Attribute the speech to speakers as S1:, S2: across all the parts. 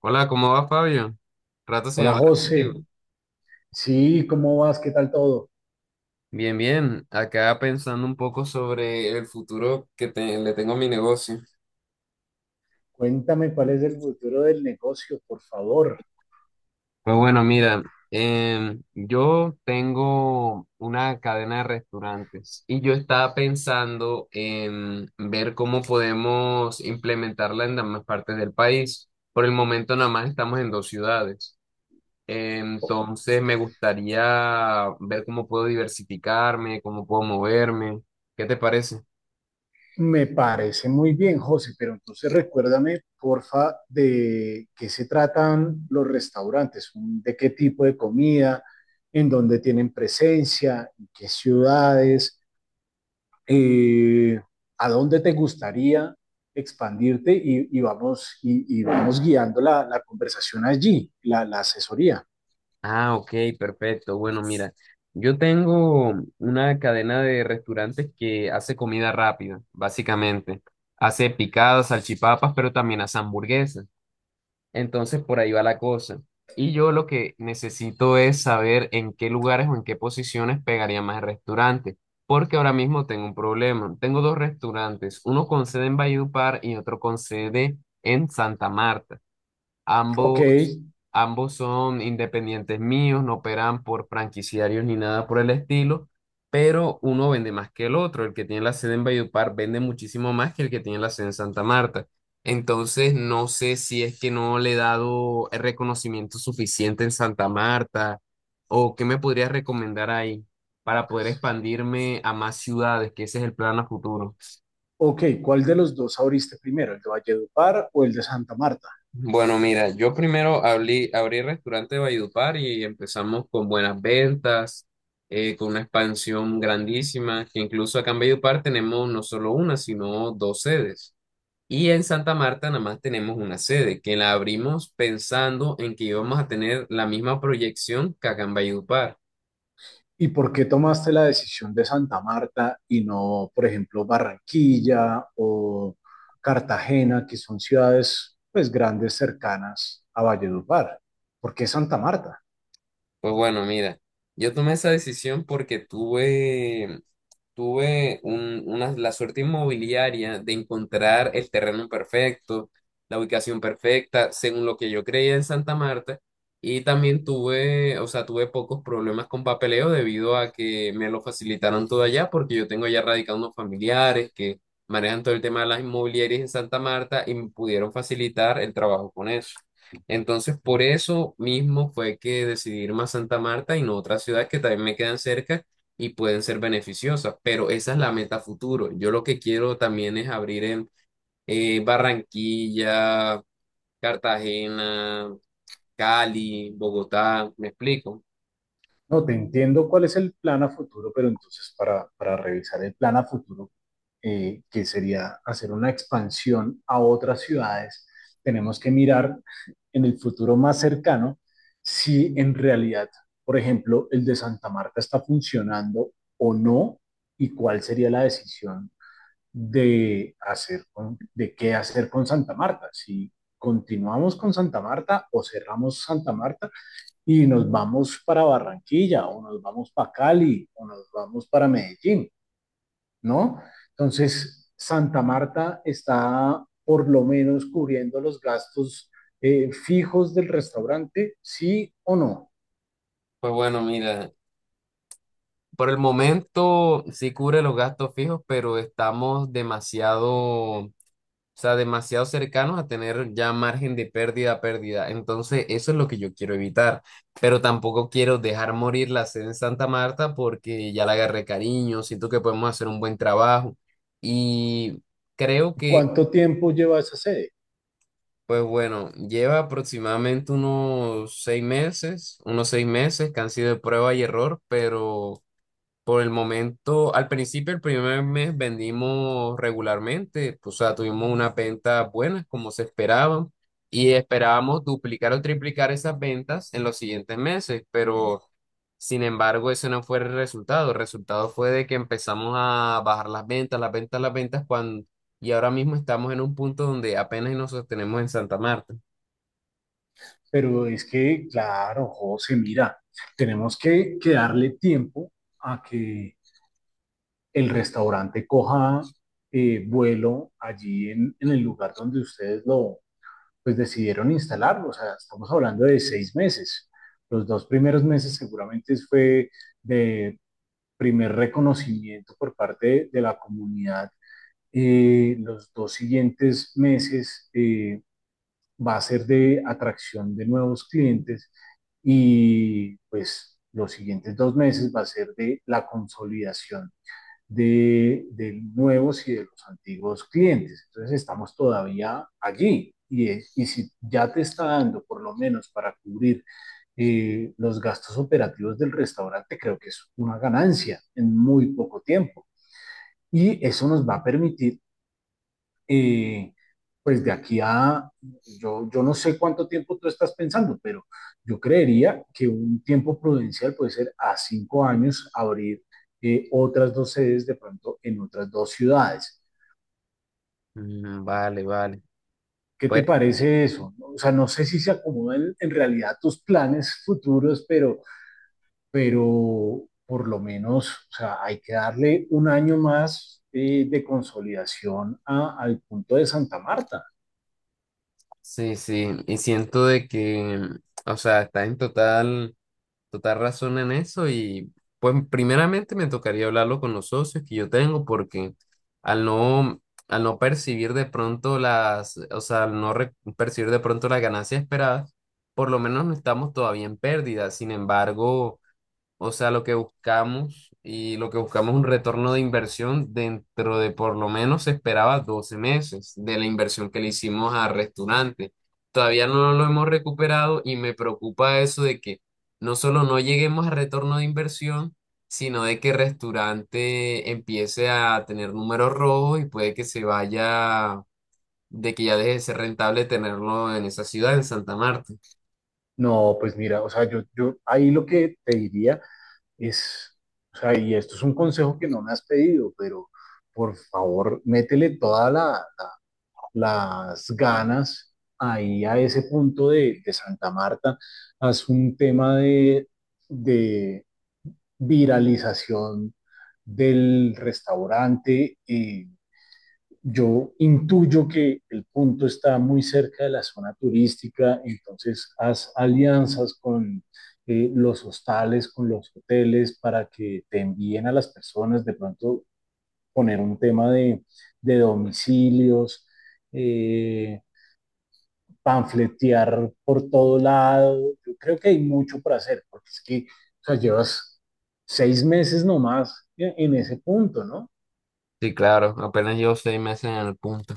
S1: Hola, ¿cómo va Fabio? Rato sin
S2: Hola
S1: hablar
S2: José,
S1: contigo.
S2: sí, ¿cómo vas? ¿Qué tal todo?
S1: Bien, bien. Acá pensando un poco sobre el futuro que le tengo a mi negocio.
S2: Cuéntame cuál es el futuro del negocio, por favor.
S1: Pues bueno, mira, yo tengo una cadena de restaurantes y yo estaba pensando en ver cómo podemos implementarla en las demás partes del país. Por el momento nada más estamos en 2 ciudades. Entonces me gustaría ver cómo puedo diversificarme, cómo puedo moverme. ¿Qué te parece?
S2: Me parece muy bien, José, pero entonces recuérdame, porfa, de qué se tratan los restaurantes, de qué tipo de comida, en dónde tienen presencia, en qué ciudades, eh, a dónde te gustaría expandirte y vamos, y vamos guiando la conversación allí, la asesoría.
S1: Ah, ok, perfecto. Bueno, mira, yo tengo una cadena de restaurantes que hace comida rápida, básicamente. Hace picadas, salchipapas, pero también hace hamburguesas. Entonces, por ahí va la cosa. Y yo lo que necesito es saber en qué lugares o en qué posiciones pegaría más el restaurante, porque ahora mismo tengo un problema. Tengo 2 restaurantes, uno con sede en Valledupar y otro con sede en Santa Marta.
S2: Ok,
S1: Ambos, ambos son independientes míos, no operan por franquiciarios ni nada por el estilo, pero uno vende más que el otro. El que tiene la sede en Valledupar vende muchísimo más que el que tiene la sede en Santa Marta. Entonces, no sé si es que no le he dado el reconocimiento suficiente en Santa Marta o qué me podrías recomendar ahí para poder expandirme a más ciudades, que ese es el plan a futuro.
S2: Ok, ¿cuál de los dos abriste primero, el de Valledupar o el de Santa Marta?
S1: Bueno, mira, yo primero abrí restaurante de Valledupar y empezamos con buenas ventas, con una expansión grandísima, que incluso acá en Valledupar tenemos no solo una, sino 2 sedes. Y en Santa Marta nada más tenemos una sede, que la abrimos pensando en que íbamos a tener la misma proyección que acá en Valledupar.
S2: ¿Y por qué tomaste la decisión de Santa Marta y no, por ejemplo, Barranquilla o Cartagena, que son ciudades pues grandes cercanas a Valledupar? ¿Por qué Santa Marta?
S1: Pues bueno, mira, yo tomé esa decisión porque tuve una, la suerte inmobiliaria de encontrar el terreno perfecto, la ubicación perfecta, según lo que yo creía en Santa Marta. Y también tuve, o sea, tuve pocos problemas con papeleo debido a que me lo facilitaron todo allá, porque yo tengo ya radicados unos familiares que manejan todo el tema de las inmobiliarias en Santa Marta y me pudieron facilitar el trabajo con eso. Entonces, por eso mismo fue que decidí irme a Santa Marta y no a otras ciudades que también me quedan cerca y pueden ser beneficiosas, pero esa es la meta futuro. Yo lo que quiero también es abrir en Barranquilla, Cartagena, Cali, Bogotá, ¿me explico?
S2: No, te entiendo cuál es el plan a futuro, pero entonces para revisar el plan a futuro, que sería hacer una expansión a otras ciudades, tenemos que mirar en el futuro más cercano si en realidad, por ejemplo, el de Santa Marta está funcionando o no y cuál sería la decisión de hacer de qué hacer con Santa Marta, si continuamos con Santa Marta o cerramos Santa Marta y nos vamos para Barranquilla o nos vamos para Cali o nos vamos para Medellín, ¿no? Entonces, Santa Marta está por lo menos cubriendo los gastos fijos del restaurante, sí o no.
S1: Pues bueno, mira, por el momento sí cubre los gastos fijos, pero estamos demasiado. O sea, demasiado cercanos a tener ya margen de pérdida. Entonces, eso es lo que yo quiero evitar. Pero tampoco quiero dejar morir la sede en Santa Marta porque ya la agarré cariño, siento que podemos hacer un buen trabajo. Y creo que,
S2: ¿Cuánto tiempo lleva esa sede?
S1: pues bueno, lleva aproximadamente unos 6 meses, unos seis meses que han sido de prueba y error, pero por el momento, al principio, el primer mes vendimos regularmente, o sea, tuvimos una venta buena como se esperaba y esperábamos duplicar o triplicar esas ventas en los siguientes meses, pero sin embargo, ese no fue el resultado. El resultado fue de que empezamos a bajar las ventas, las ventas, las ventas, cuando, y ahora mismo estamos en un punto donde apenas nos sostenemos en Santa Marta.
S2: Pero es que, claro, José, mira, tenemos que darle tiempo a que el restaurante coja vuelo allí en el lugar donde ustedes pues decidieron instalarlo. O sea, estamos hablando de 6 meses. Los dos primeros meses seguramente fue de primer reconocimiento por parte de la comunidad. Los dos siguientes meses va a ser de atracción de nuevos clientes y pues los siguientes dos meses va a ser de la consolidación de nuevos y de los antiguos clientes. Entonces estamos todavía allí y si ya te está dando por lo menos para cubrir los gastos operativos del restaurante, creo que es una ganancia en muy poco tiempo. Y eso nos va a permitir eh, pues yo no sé cuánto tiempo tú estás pensando, pero yo creería que un tiempo prudencial puede ser a 5 años abrir otras dos sedes de pronto en otras dos ciudades.
S1: Mm, vale, vale.
S2: ¿Qué te
S1: Pues
S2: parece eso? O sea, no sé si se acomodan en realidad tus planes futuros, pero, por lo menos, o sea, hay que darle 1 año más de consolidación al punto de Santa Marta.
S1: sí, sí, y siento de que, o sea, está en total total razón en eso y pues primeramente me tocaría hablarlo con los socios que yo tengo porque al no, al no percibir de pronto las, o sea, al no percibir de pronto las ganancias esperadas, por lo menos no estamos todavía en pérdida. Sin embargo, o sea, lo que buscamos es un retorno de inversión dentro de por lo menos se esperaba 12 meses de la inversión que le hicimos al restaurante. Todavía no lo hemos recuperado y me preocupa eso de que no solo no lleguemos a retorno de inversión, sino de que el restaurante empiece a tener números rojos y puede que se vaya, de que ya deje de ser rentable tenerlo en esa ciudad, en Santa Marta.
S2: No, pues mira, o sea, yo ahí lo que te diría es, o sea, y esto es un consejo que no me has pedido, pero por favor, métele todas las ganas ahí a ese punto de Santa Marta. Haz un tema de viralización del restaurante. Yo intuyo que el punto está muy cerca de la zona turística, entonces haz alianzas con los hostales, con los hoteles, para que te envíen a las personas, de pronto poner un tema de domicilios, eh, panfletear por todo lado. Yo creo que hay mucho por hacer, porque es que o sea, llevas 6 meses nomás en ese punto, ¿no?
S1: Sí, claro, apenas llevo 6 meses en el punto.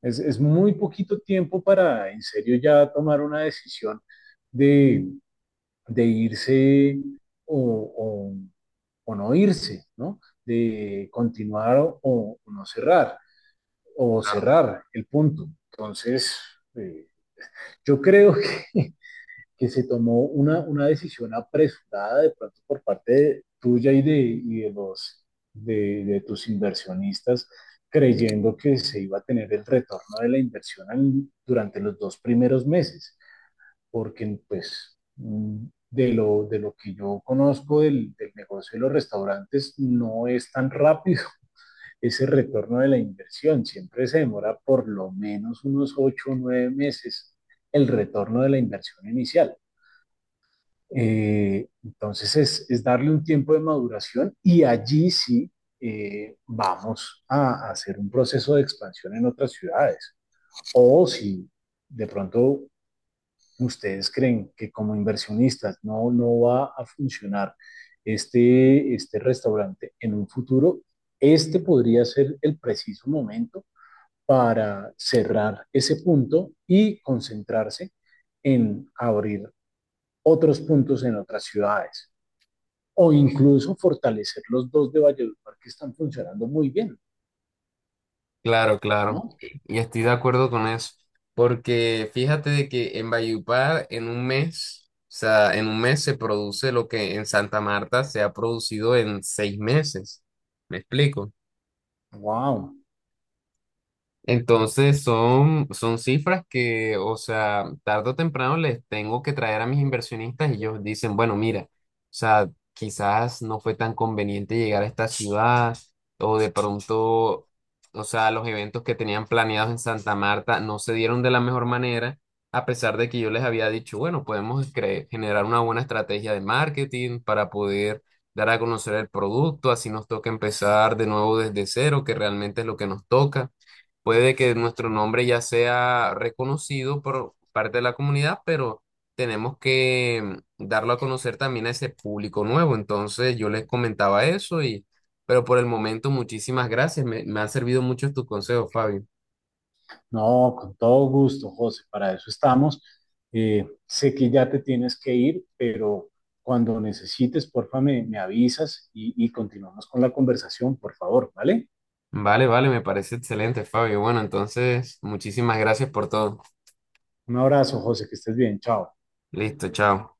S2: Es muy poquito tiempo para en serio ya tomar una decisión de, de irse o, o- o no irse, ¿no? De continuar o no cerrar, o cerrar el punto. Entonces, eh, yo creo que que se tomó una decisión apresurada de pronto por parte tuya y de tus inversionistas, creyendo que se iba a tener el retorno de la inversión durante los dos primeros meses, porque pues de lo que yo conozco del negocio de los restaurantes, no es tan rápido ese retorno de la inversión, siempre se demora por lo menos unos 8 o 9 meses el retorno de la inversión inicial. Entonces es darle un tiempo de maduración y allí sí vamos a hacer un proceso de expansión en otras ciudades. O si de pronto ustedes creen que como inversionistas no va a funcionar este restaurante en un futuro, este podría ser el preciso momento para cerrar ese punto y concentrarse en abrir otros puntos en otras ciudades o incluso fortalecer los dos de Valledupar que están funcionando muy bien,
S1: Claro, claro.
S2: ¿no?
S1: Y estoy de acuerdo con eso. Porque fíjate de que en Valledupar en un mes, o sea, en un mes se produce lo que en Santa Marta se ha producido en 6 meses. ¿Me explico?
S2: Wow,
S1: Entonces son, son cifras que, o sea, tarde o temprano les tengo que traer a mis inversionistas y ellos dicen, bueno, mira, o sea, quizás no fue tan conveniente llegar a esta ciudad o de pronto, o sea, los eventos que tenían planeados en Santa Marta no se dieron de la mejor manera, a pesar de que yo les había dicho, bueno, podemos generar una buena estrategia de marketing para poder dar a conocer el producto, así nos toca empezar de nuevo desde cero, que realmente es lo que nos toca. Puede que nuestro nombre ya sea reconocido por parte de la comunidad, pero tenemos que darlo a conocer también a ese público nuevo. Entonces yo les comentaba eso y, pero por el momento, muchísimas gracias. Me han servido mucho tus consejos, Fabio.
S2: no, con todo gusto, José, para eso estamos. Sé que ya te tienes que ir, pero cuando necesites, porfa, me avisas y continuamos con la conversación, por favor, ¿vale?
S1: Vale, vale, me parece excelente, Fabio. Bueno, entonces, muchísimas gracias por todo.
S2: Un abrazo, José, que estés bien, chao.
S1: Listo, chao.